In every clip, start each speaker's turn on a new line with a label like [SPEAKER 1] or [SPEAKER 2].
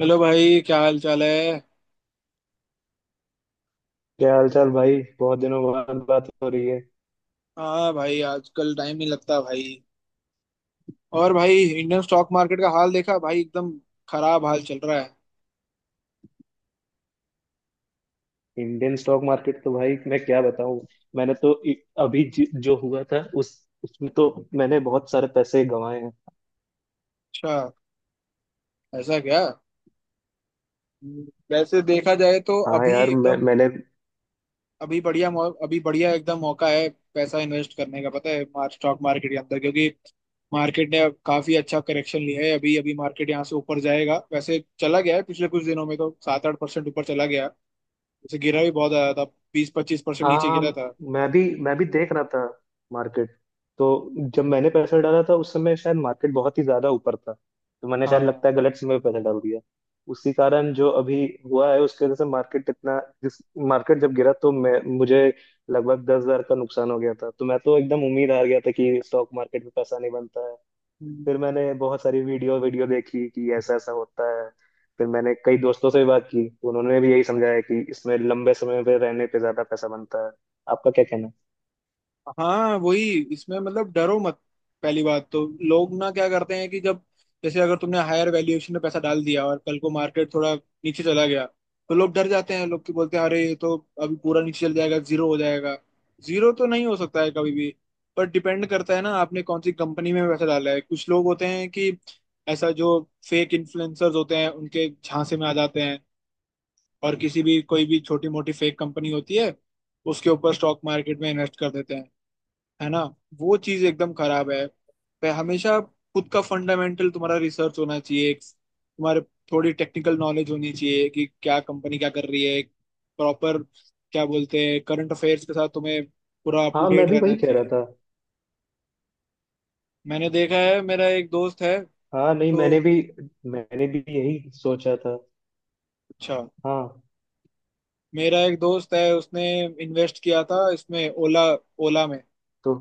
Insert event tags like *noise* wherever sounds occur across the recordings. [SPEAKER 1] Hello भाई, क्या हाल चाल है।
[SPEAKER 2] क्या हाल चाल भाई। बहुत दिनों बाद बात हो रही है।
[SPEAKER 1] हाँ भाई, आजकल टाइम नहीं लगता भाई। और भाई, इंडियन स्टॉक मार्केट का हाल देखा भाई, एकदम खराब हाल चल रहा है।
[SPEAKER 2] इंडियन स्टॉक मार्केट तो भाई मैं क्या बताऊं। मैंने तो इ- अभी जो हुआ था उस उसमें तो मैंने बहुत सारे पैसे गंवाए हैं।
[SPEAKER 1] अच्छा, ऐसा क्या। हम्म, वैसे देखा जाए तो
[SPEAKER 2] हाँ
[SPEAKER 1] अभी
[SPEAKER 2] यार, मैं
[SPEAKER 1] एकदम
[SPEAKER 2] मैंने
[SPEAKER 1] अभी बढ़िया अभी बढ़िया एकदम मौका है पैसा इन्वेस्ट करने का, पता है स्टॉक मार्केट के अंदर, क्योंकि मार्केट ने काफी अच्छा करेक्शन लिया है। अभी अभी मार्केट यहाँ से ऊपर जाएगा, वैसे चला गया है। पिछले कुछ दिनों में तो 7-8% ऊपर चला गया। वैसे गिरा भी बहुत आया था, 20-25%
[SPEAKER 2] हाँ,
[SPEAKER 1] नीचे
[SPEAKER 2] हाँ।
[SPEAKER 1] गिरा था।
[SPEAKER 2] मैं भी देख रहा था मार्केट। तो जब मैंने पैसा डाला था उस समय शायद मार्केट बहुत ही ज्यादा ऊपर था, तो मैंने शायद लगता
[SPEAKER 1] हाँ।
[SPEAKER 2] है गलत समय पे पैसा डाल दिया। उसी कारण जो अभी हुआ है उसके वजह से मार्केट इतना जिस मार्केट जब गिरा तो मैं मुझे लगभग 10,000 का नुकसान हो गया था। तो मैं तो एकदम उम्मीद हार गया था कि स्टॉक मार्केट में पैसा नहीं बनता। फिर
[SPEAKER 1] हम्म।
[SPEAKER 2] मैंने बहुत सारी वीडियो वीडियो देखी कि ऐसा ऐसा होता है। फिर मैंने कई दोस्तों से भी बात की, उन्होंने भी यही समझाया कि इसमें लंबे समय पे रहने पे ज्यादा पैसा बनता है। आपका क्या कहना है?
[SPEAKER 1] हाँ वही, इसमें मतलब डरो मत। पहली बात तो लोग ना क्या करते हैं कि जब, जैसे अगर तुमने हायर वैल्यूएशन में पैसा डाल दिया और कल को मार्केट थोड़ा नीचे चला गया, तो लोग डर जाते हैं, लोग की बोलते हैं अरे ये तो अभी पूरा नीचे चल जाएगा, जीरो हो जाएगा। जीरो तो नहीं हो सकता है कभी भी। पर डिपेंड करता है ना, आपने कौन सी कंपनी में पैसा डाला है। कुछ लोग होते हैं कि ऐसा जो फेक इन्फ्लुएंसर्स होते हैं उनके झांसे में आ जाते हैं, और किसी भी कोई भी छोटी मोटी फेक कंपनी होती है उसके ऊपर स्टॉक मार्केट में इन्वेस्ट कर देते हैं, है ना। वो चीज एकदम खराब है। पे हमेशा खुद का फंडामेंटल तुम्हारा रिसर्च होना चाहिए, एक तुम्हारे थोड़ी टेक्निकल नॉलेज होनी चाहिए कि क्या कंपनी क्या कर रही है, प्रॉपर, क्या बोलते हैं, करंट अफेयर्स के साथ तुम्हें पूरा अप टू
[SPEAKER 2] हाँ, मैं
[SPEAKER 1] डेट
[SPEAKER 2] भी वही
[SPEAKER 1] रहना
[SPEAKER 2] कह रहा
[SPEAKER 1] चाहिए।
[SPEAKER 2] था।
[SPEAKER 1] मैंने देखा है, मेरा एक दोस्त है।
[SPEAKER 2] हाँ नहीं, मैंने
[SPEAKER 1] तो
[SPEAKER 2] भी मैंने भी यही सोचा था।
[SPEAKER 1] अच्छा,
[SPEAKER 2] हाँ।
[SPEAKER 1] मेरा एक दोस्त है उसने इन्वेस्ट किया था इसमें ओला, ओला में,
[SPEAKER 2] तो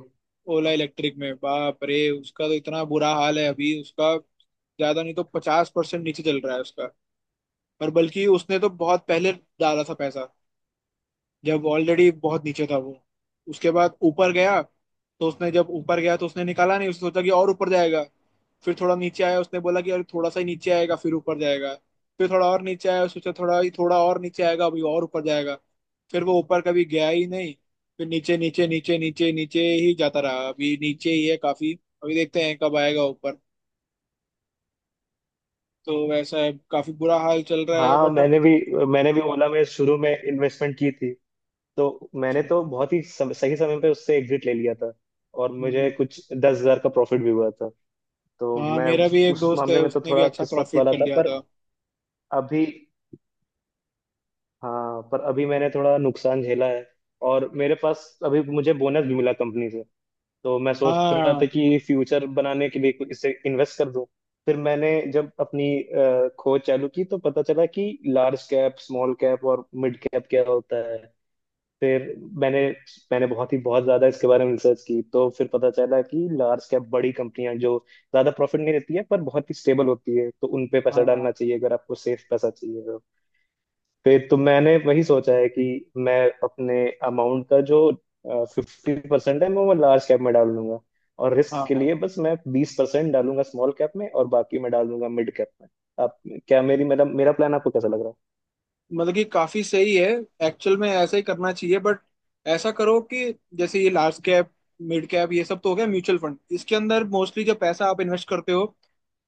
[SPEAKER 1] ओला इलेक्ट्रिक में। बाप रे, उसका तो इतना बुरा हाल है अभी उसका, ज्यादा नहीं तो 50% नीचे चल रहा है उसका। पर बल्कि उसने तो बहुत पहले डाला था पैसा, जब ऑलरेडी बहुत नीचे था वो। उसके बाद ऊपर गया, तो उसने जब ऊपर गया तो उसने निकाला नहीं, उसने सोचा कि और ऊपर जाएगा। फिर थोड़ा नीचे आया, उसने बोला कि अरे थोड़ा सा ही नीचे आएगा फिर ऊपर जाएगा। फिर थोड़ा और नीचे आया, सोचा थोड़ा ही थोड़ा और नीचे आएगा, अभी और ऊपर जाएगा। फिर वो ऊपर कभी गया ही नहीं। फिर नीचे नीचे नीचे नीचे नीचे ही जाता रहा, अभी नीचे ही है काफी। अभी देखते हैं कब आएगा ऊपर। तो वैसा है, काफी बुरा हाल चल रहा है
[SPEAKER 2] हाँ,
[SPEAKER 1] बट,
[SPEAKER 2] मैंने भी ओला में शुरू में इन्वेस्टमेंट की थी। तो मैंने तो बहुत ही सही समय पे उससे एग्जिट ले लिया था और मुझे
[SPEAKER 1] अब।
[SPEAKER 2] कुछ 10,000 का प्रॉफिट भी हुआ था। तो
[SPEAKER 1] हाँ,
[SPEAKER 2] मैं
[SPEAKER 1] मेरा भी
[SPEAKER 2] उस
[SPEAKER 1] एक
[SPEAKER 2] उस
[SPEAKER 1] दोस्त है
[SPEAKER 2] मामले में तो
[SPEAKER 1] उसने भी
[SPEAKER 2] थोड़ा
[SPEAKER 1] अच्छा
[SPEAKER 2] किस्मत
[SPEAKER 1] प्रॉफिट
[SPEAKER 2] वाला
[SPEAKER 1] कर
[SPEAKER 2] था,
[SPEAKER 1] लिया
[SPEAKER 2] पर
[SPEAKER 1] था।
[SPEAKER 2] अभी। हाँ, पर अभी मैंने थोड़ा नुकसान झेला है। और मेरे पास अभी मुझे बोनस भी मिला कंपनी से। तो मैं सोच रहा
[SPEAKER 1] हाँ,
[SPEAKER 2] था कि फ्यूचर बनाने के लिए कुछ इसे इन्वेस्ट कर दूं। फिर मैंने जब अपनी खोज चालू की तो पता चला कि लार्ज कैप, स्मॉल कैप और मिड कैप क्या होता है। फिर मैंने मैंने बहुत ही बहुत ज्यादा इसके बारे में रिसर्च की, तो फिर पता चला कि लार्ज कैप बड़ी कंपनियां जो ज्यादा प्रॉफिट नहीं देती है पर बहुत ही स्टेबल होती है, तो उन पे पैसा डालना
[SPEAKER 1] हाँ।
[SPEAKER 2] चाहिए अगर आपको सेफ पैसा चाहिए तो। फिर तो मैंने वही सोचा है कि मैं अपने अमाउंट का जो 50% है मैं वो लार्ज कैप में डाल लूंगा। और
[SPEAKER 1] हाँ,
[SPEAKER 2] रिस्क के
[SPEAKER 1] हाँ।
[SPEAKER 2] लिए बस मैं 20% डालूंगा स्मॉल कैप में और बाकी मैं डाल दूंगा मिड कैप में। आप, क्या मेरी मेरा मेरा प्लान आपको कैसा लग रहा
[SPEAKER 1] मतलब कि काफी सही है, एक्चुअल में ऐसा ही करना चाहिए। बट ऐसा करो कि जैसे ये लार्ज कैप, मिड कैप, ये सब तो हो गया म्यूचुअल फंड। इसके अंदर मोस्टली जो पैसा आप इन्वेस्ट करते हो,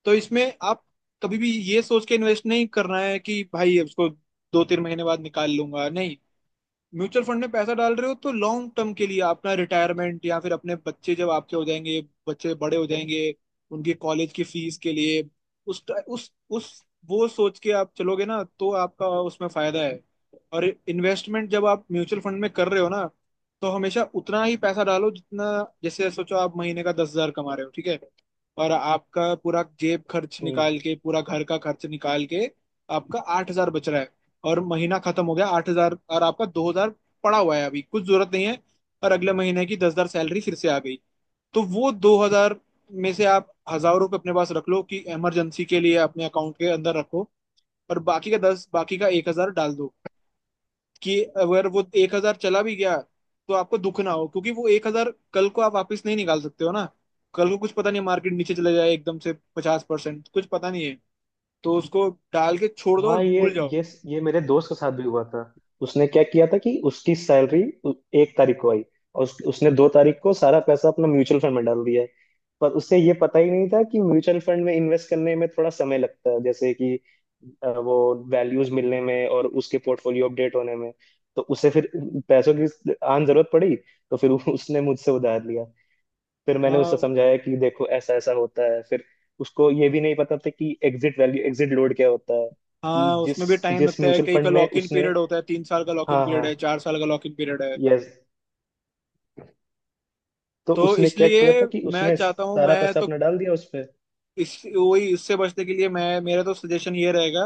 [SPEAKER 1] तो इसमें आप कभी भी ये सोच के इन्वेस्ट नहीं करना है कि भाई उसको 2-3 महीने बाद निकाल लूंगा, नहीं। म्यूचुअल फंड में पैसा डाल रहे हो तो लॉन्ग टर्म के लिए, अपना रिटायरमेंट, या फिर अपने बच्चे जब आपके हो जाएंगे, बच्चे बड़े हो जाएंगे, उनके कॉलेज की फीस के लिए, उस उस वो सोच के आप चलोगे ना तो आपका उसमें फायदा है। और इन्वेस्टमेंट जब आप म्यूचुअल फंड में कर रहे हो ना, तो हमेशा उतना ही पैसा डालो जितना, जैसे सोचो आप महीने का 10,000 कमा रहे हो, ठीक है, और आपका पूरा जेब खर्च निकाल
[SPEAKER 2] है?
[SPEAKER 1] के, पूरा घर का खर्च निकाल के आपका 8,000 बच रहा है। और महीना खत्म हो गया, 8,000 और आपका 2,000 पड़ा हुआ है, अभी कुछ जरूरत नहीं है। और अगले महीने की 10,000 सैलरी फिर से आ गई, तो वो 2,000 में से आप 1,000 रुपये अपने पास रख लो कि इमरजेंसी के लिए अपने अकाउंट के अंदर रखो, और बाकी का दस, बाकी का 1,000 डाल दो कि अगर वो 1,000 चला भी गया तो आपको दुख ना हो, क्योंकि वो 1,000 कल को आप वापस नहीं निकाल सकते हो ना। कल को कुछ पता नहीं, मार्केट नीचे चले जाए एकदम से 50%, कुछ पता नहीं है। तो उसको डाल के छोड़ दो और
[SPEAKER 2] हाँ, ये
[SPEAKER 1] भूल जाओ।
[SPEAKER 2] ये ये मेरे दोस्त के साथ भी हुआ था। उसने क्या किया था कि उसकी सैलरी एक तारीख को आई, और उसने दो तारीख को सारा पैसा अपना म्यूचुअल फंड में डाल दिया है। पर उससे ये पता ही नहीं था कि म्यूचुअल फंड में इन्वेस्ट करने में थोड़ा समय लगता है, जैसे कि वो वैल्यूज मिलने में और उसके पोर्टफोलियो अपडेट होने में। तो उसे फिर पैसों की आन जरूरत पड़ी। तो फिर *laughs* उसने मुझसे उधार लिया। फिर मैंने उसे
[SPEAKER 1] हाँ।
[SPEAKER 2] समझाया कि देखो ऐसा ऐसा होता है। फिर उसको ये भी नहीं पता था कि एग्जिट वैल्यू एग्जिट लोड क्या होता है। कि
[SPEAKER 1] हाँ,
[SPEAKER 2] जिस
[SPEAKER 1] उसमें भी टाइम
[SPEAKER 2] जिस
[SPEAKER 1] लगता है,
[SPEAKER 2] म्यूचुअल
[SPEAKER 1] कई का
[SPEAKER 2] फंड में
[SPEAKER 1] लॉक इन
[SPEAKER 2] उसने।
[SPEAKER 1] पीरियड होता है, 3 साल का लॉक इन
[SPEAKER 2] हाँ,
[SPEAKER 1] पीरियड
[SPEAKER 2] हाँ।
[SPEAKER 1] है, 4 साल का लॉक इन पीरियड है।
[SPEAKER 2] यस। तो
[SPEAKER 1] तो
[SPEAKER 2] उसने क्या किया
[SPEAKER 1] इसलिए,
[SPEAKER 2] था कि
[SPEAKER 1] मैं
[SPEAKER 2] उसने
[SPEAKER 1] चाहता हूँ,
[SPEAKER 2] सारा
[SPEAKER 1] मैं
[SPEAKER 2] पैसा
[SPEAKER 1] तो
[SPEAKER 2] अपना डाल दिया उसमें।
[SPEAKER 1] इस, वही इससे बचने के लिए मैं, मेरा तो सजेशन ये रहेगा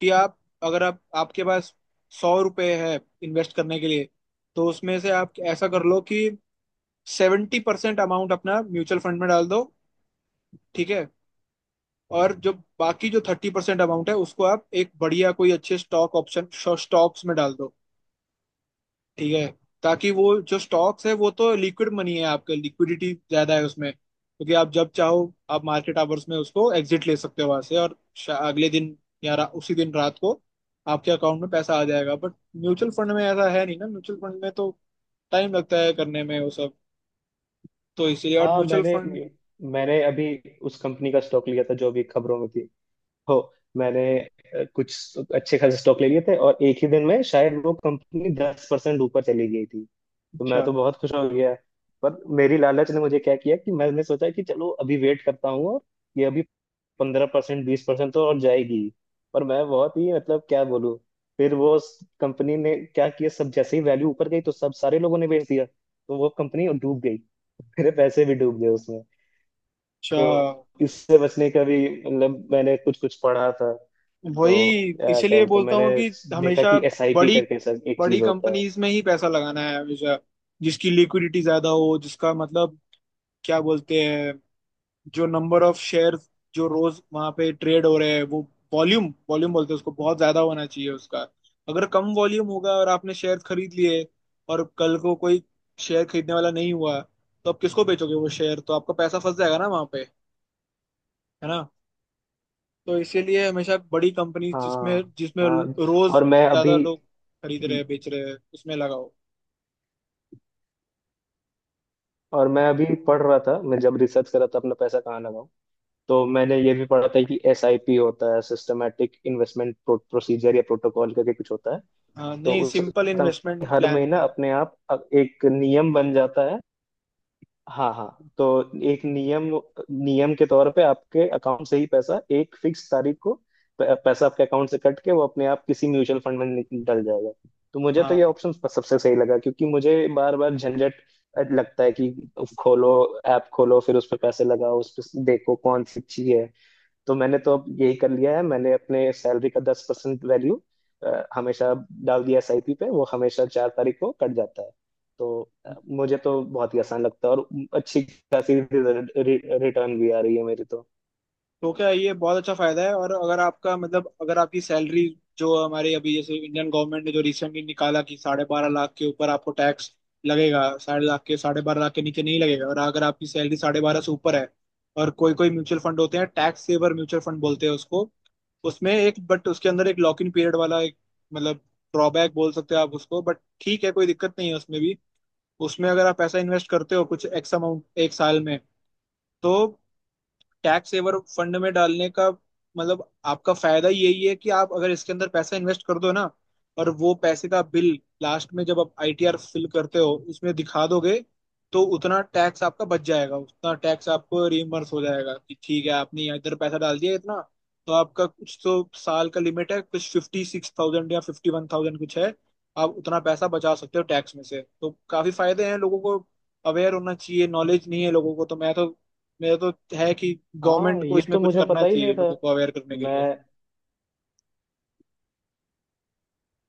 [SPEAKER 1] कि आप, अगर आप, आपके पास 100 रुपये है इन्वेस्ट करने के लिए, तो उसमें से आप ऐसा कर लो कि 70% अमाउंट अपना म्यूचुअल फंड में डाल दो, ठीक है, और जो बाकी, जो 30% अमाउंट है, उसको आप एक बढ़िया कोई अच्छे स्टॉक ऑप्शन, स्टॉक्स में डाल दो, ठीक है। ताकि वो जो स्टॉक्स है वो तो लिक्विड मनी है आपका, लिक्विडिटी ज्यादा है उसमें, क्योंकि आप जब चाहो आप मार्केट आवर्स में उसको एग्जिट ले सकते हो वहां से, और अगले दिन या उसी दिन रात को आपके अकाउंट में पैसा आ जाएगा। बट म्यूचुअल फंड में ऐसा है नहीं ना, म्यूचुअल फंड में तो टाइम लगता है करने में वो सब। तो इसीलिए, और
[SPEAKER 2] हाँ,
[SPEAKER 1] म्यूचुअल
[SPEAKER 2] मैंने
[SPEAKER 1] फंड।
[SPEAKER 2] मैंने अभी उस कंपनी का स्टॉक लिया था जो अभी खबरों में थी। हो मैंने कुछ अच्छे खासे स्टॉक ले लिए थे और एक ही दिन में शायद वो कंपनी 10% ऊपर चली गई थी। तो मैं
[SPEAKER 1] अच्छा,
[SPEAKER 2] तो बहुत खुश हो गया। पर मेरी लालच ने मुझे क्या किया कि मैंने सोचा कि चलो अभी वेट करता हूँ और ये अभी 15%, 20% तो और जाएगी। पर मैं बहुत ही, मतलब, क्या बोलूँ। फिर वो कंपनी ने क्या किया, सब जैसे ही वैल्यू ऊपर गई तो सब सारे लोगों ने बेच दिया, तो वो कंपनी डूब गई। मेरे पैसे भी डूब गए उसमें।
[SPEAKER 1] अच्छा,
[SPEAKER 2] तो इससे बचने का भी, मतलब मैंने कुछ कुछ पढ़ा था। तो
[SPEAKER 1] वही
[SPEAKER 2] क्या
[SPEAKER 1] इसीलिए
[SPEAKER 2] बोलते हैं,
[SPEAKER 1] बोलता
[SPEAKER 2] मैंने
[SPEAKER 1] हूँ कि
[SPEAKER 2] देखा
[SPEAKER 1] हमेशा
[SPEAKER 2] कि एसआईपी
[SPEAKER 1] बड़ी
[SPEAKER 2] करके सर एक
[SPEAKER 1] बड़ी
[SPEAKER 2] चीज होता है।
[SPEAKER 1] कंपनीज में ही पैसा लगाना है हमेशा, जिसकी लिक्विडिटी ज्यादा हो, जिसका मतलब, क्या बोलते हैं, जो नंबर ऑफ शेयर्स जो रोज वहां पे ट्रेड हो रहे हैं वो, वॉल्यूम, वॉल्यूम बोलते हैं उसको, बहुत ज्यादा होना चाहिए उसका। अगर कम वॉल्यूम होगा और आपने शेयर खरीद लिए, और कल को कोई शेयर खरीदने वाला नहीं हुआ तो आप किसको बेचोगे वो शेयर, तो आपका पैसा फंस जाएगा ना वहां पे, है ना। तो इसीलिए हमेशा बड़ी कंपनी जिसमें
[SPEAKER 2] हाँ,
[SPEAKER 1] जिसमें
[SPEAKER 2] हाँ।
[SPEAKER 1] रोज
[SPEAKER 2] और मैं
[SPEAKER 1] ज्यादा
[SPEAKER 2] अभी।
[SPEAKER 1] लोग खरीद रहे हैं
[SPEAKER 2] हम्म,
[SPEAKER 1] बेच रहे हैं उसमें लगाओ।
[SPEAKER 2] और मैं अभी पढ़ रहा था, मैं जब रिसर्च कर रहा था अपना पैसा कहाँ लगाऊं, तो मैंने ये भी पढ़ा था कि एसआईपी होता है सिस्टमेटिक इन्वेस्टमेंट प्रोसीजर या प्रोटोकॉल करके कुछ होता है।
[SPEAKER 1] हाँ
[SPEAKER 2] तो
[SPEAKER 1] नहीं,
[SPEAKER 2] उस
[SPEAKER 1] सिंपल इन्वेस्टमेंट
[SPEAKER 2] हर
[SPEAKER 1] प्लान
[SPEAKER 2] महीना
[SPEAKER 1] होता है।
[SPEAKER 2] अपने आप अब एक नियम बन जाता है। हाँ, हाँ। तो एक नियम नियम के तौर पे आपके अकाउंट से ही पैसा एक फिक्स तारीख को, पैसा आपके अकाउंट से कट के वो अपने आप किसी म्यूचुअल फंड में डल जाएगा। तो मुझे तो ये
[SPEAKER 1] हाँ,
[SPEAKER 2] ऑप्शन सबसे सही लगा क्योंकि मुझे बार बार झंझट लगता है कि खोलो, ऐप खोलो, फिर उस पर पैसे लगाओ, उस पर देखो कौन सी अच्छी है। तो मैंने तो अब यही कर लिया है, मैंने अपने सैलरी का 10% वैल्यू हमेशा डाल दिया एसआईपी पे, वो हमेशा चार तारीख को कट जाता है। तो मुझे तो बहुत ही आसान लगता है और अच्छी खासी रिटर्न भी आ रही है मेरी तो।
[SPEAKER 1] तो क्या, ये बहुत अच्छा फायदा है। और अगर आपका, मतलब अगर आपकी सैलरी, जो हमारे अभी, जैसे इंडियन गवर्नमेंट ने जो रिसेंटली निकाला कि 12.5 लाख के ऊपर आपको टैक्स लगेगा, साढ़े लाख के, 12.5 लाख के नीचे नहीं लगेगा, और अगर आपकी सैलरी साढ़े बारह से ऊपर है, और कोई कोई म्यूचुअल फंड होते हैं, टैक्स सेवर म्यूचुअल फंड बोलते हैं उसको, उसमें एक बट, उसके अंदर एक लॉक इन पीरियड वाला एक, मतलब, ड्रॉबैक बोल सकते हैं आप उसको, बट ठीक है, कोई दिक्कत नहीं है उसमें भी। उसमें अगर आप पैसा इन्वेस्ट करते हो कुछ एक्स अमाउंट 1 साल में, तो टैक्स सेवर फंड में डालने का मतलब, आपका फायदा यही है कि आप अगर इसके अंदर पैसा इन्वेस्ट कर दो ना, और वो पैसे का बिल लास्ट में जब आप आईटीआर फिल करते हो उसमें दिखा दोगे, तो उतना टैक्स आपका बच जाएगा, उतना टैक्स आपको रिइम्बर्स हो जाएगा कि ठीक है, आपने इधर पैसा डाल दिया इतना। तो आपका कुछ तो साल का लिमिट है, कुछ 56,000 या 51,000 कुछ है, आप उतना पैसा बचा सकते हो टैक्स में से, तो काफी फायदे हैं। लोगों को अवेयर होना चाहिए, नॉलेज नहीं है लोगों को। तो मैं तो, मेरा तो है कि गवर्नमेंट
[SPEAKER 2] हाँ,
[SPEAKER 1] को
[SPEAKER 2] ये
[SPEAKER 1] इसमें
[SPEAKER 2] तो
[SPEAKER 1] कुछ
[SPEAKER 2] मुझे
[SPEAKER 1] करना
[SPEAKER 2] पता ही नहीं
[SPEAKER 1] चाहिए
[SPEAKER 2] था।
[SPEAKER 1] लोगों को अवेयर करने के
[SPEAKER 2] मैं।
[SPEAKER 1] लिए।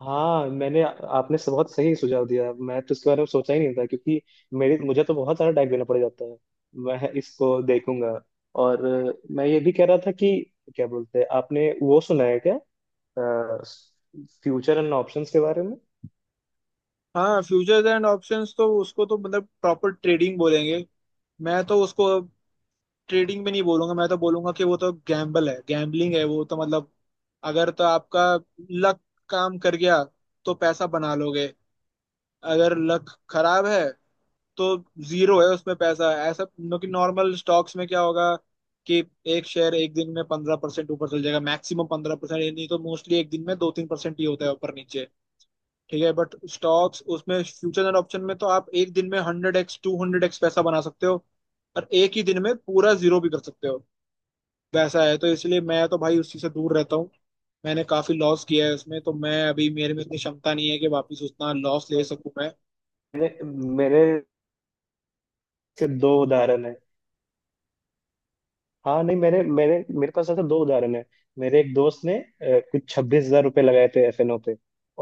[SPEAKER 2] हाँ, मैंने आपने बहुत सही सुझाव दिया। मैं तो इसके बारे में सोचा ही नहीं था, क्योंकि मेरे मुझे तो बहुत सारा टाइम देना पड़ जाता है। मैं इसको देखूंगा। और मैं ये भी कह रहा था कि क्या बोलते हैं, आपने वो सुना है क्या, फ्यूचर एंड ऑप्शंस के बारे में?
[SPEAKER 1] हाँ फ्यूचर्स एंड ऑप्शंस, तो उसको तो मतलब प्रॉपर ट्रेडिंग बोलेंगे। मैं तो उसको ट्रेडिंग में नहीं बोलूंगा, मैं तो बोलूंगा कि वो तो गैम्बल है, गैम्बलिंग है वो तो, मतलब अगर तो आपका लक काम कर गया तो पैसा बना लोगे, अगर लक खराब है तो जीरो है उसमें पैसा। ऐसा नो कि नॉर्मल स्टॉक्स में क्या होगा कि एक शेयर 1 दिन में 15% ऊपर चल जाएगा मैक्सिमम 15%, नहीं तो मोस्टली 1 दिन में 2-3% ही होता है ऊपर नीचे, ठीक है। बट स्टॉक्स, उसमें फ्यूचर एंड ऑप्शन में तो आप 1 दिन में 100x to 200x पैसा बना सकते हो, और एक ही दिन में पूरा जीरो भी कर सकते हो। वैसा है, तो इसलिए मैं तो भाई उसी से दूर रहता हूँ। मैंने काफी लॉस किया है उसमें, तो मैं अभी, मेरे में इतनी क्षमता नहीं है कि वापस उतना लॉस ले
[SPEAKER 2] और
[SPEAKER 1] सकूं।
[SPEAKER 2] मैंने मैंने सिर्फ दो उदाहरण है। हाँ नहीं, मैंने मैंने मेरे पास ऐसा दो उदाहरण है। मेरे एक दोस्त ने कुछ 26,000 रुपये लगाए थे एफएनओ पे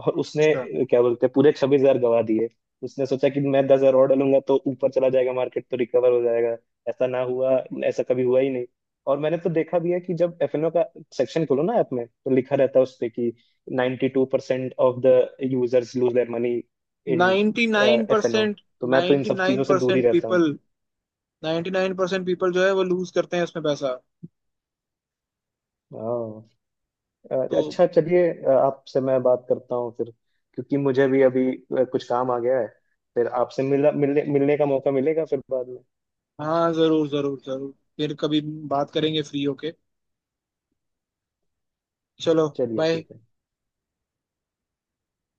[SPEAKER 2] और उसने
[SPEAKER 1] मैं
[SPEAKER 2] क्या बोलते हैं, पूरे 26,000 गंवा दिए। उसने सोचा कि मैं 10,000 और डालूंगा तो ऊपर चला जाएगा मार्केट तो रिकवर हो जाएगा। ऐसा ना हुआ, ऐसा कभी हुआ ही नहीं। और मैंने तो देखा भी है कि जब एफएनओ का सेक्शन खोलो ना ऐप में तो लिखा रहता है उस पे कि 92% two percent of the users lose their money in
[SPEAKER 1] ninety nine
[SPEAKER 2] FNO.
[SPEAKER 1] Percent
[SPEAKER 2] तो मैं तो इन
[SPEAKER 1] नाइन्टी
[SPEAKER 2] सब
[SPEAKER 1] नाइन
[SPEAKER 2] चीजों से दूर ही
[SPEAKER 1] परसेंट
[SPEAKER 2] रहता हूँ।
[SPEAKER 1] People ninety nine percent people जो है वो लूज करते हैं इसमें पैसा।
[SPEAKER 2] हाँ।
[SPEAKER 1] तो
[SPEAKER 2] अच्छा, चलिए। आपसे मैं बात करता हूँ फिर, क्योंकि मुझे भी अभी कुछ काम आ गया है। फिर आपसे मिला मिलने मिलने का मौका मिलेगा फिर बाद में।
[SPEAKER 1] हाँ, जरूर जरूर जरूर, फिर कभी बात करेंगे फ्री होके। चलो,
[SPEAKER 2] चलिए
[SPEAKER 1] बाय।
[SPEAKER 2] ठीक है।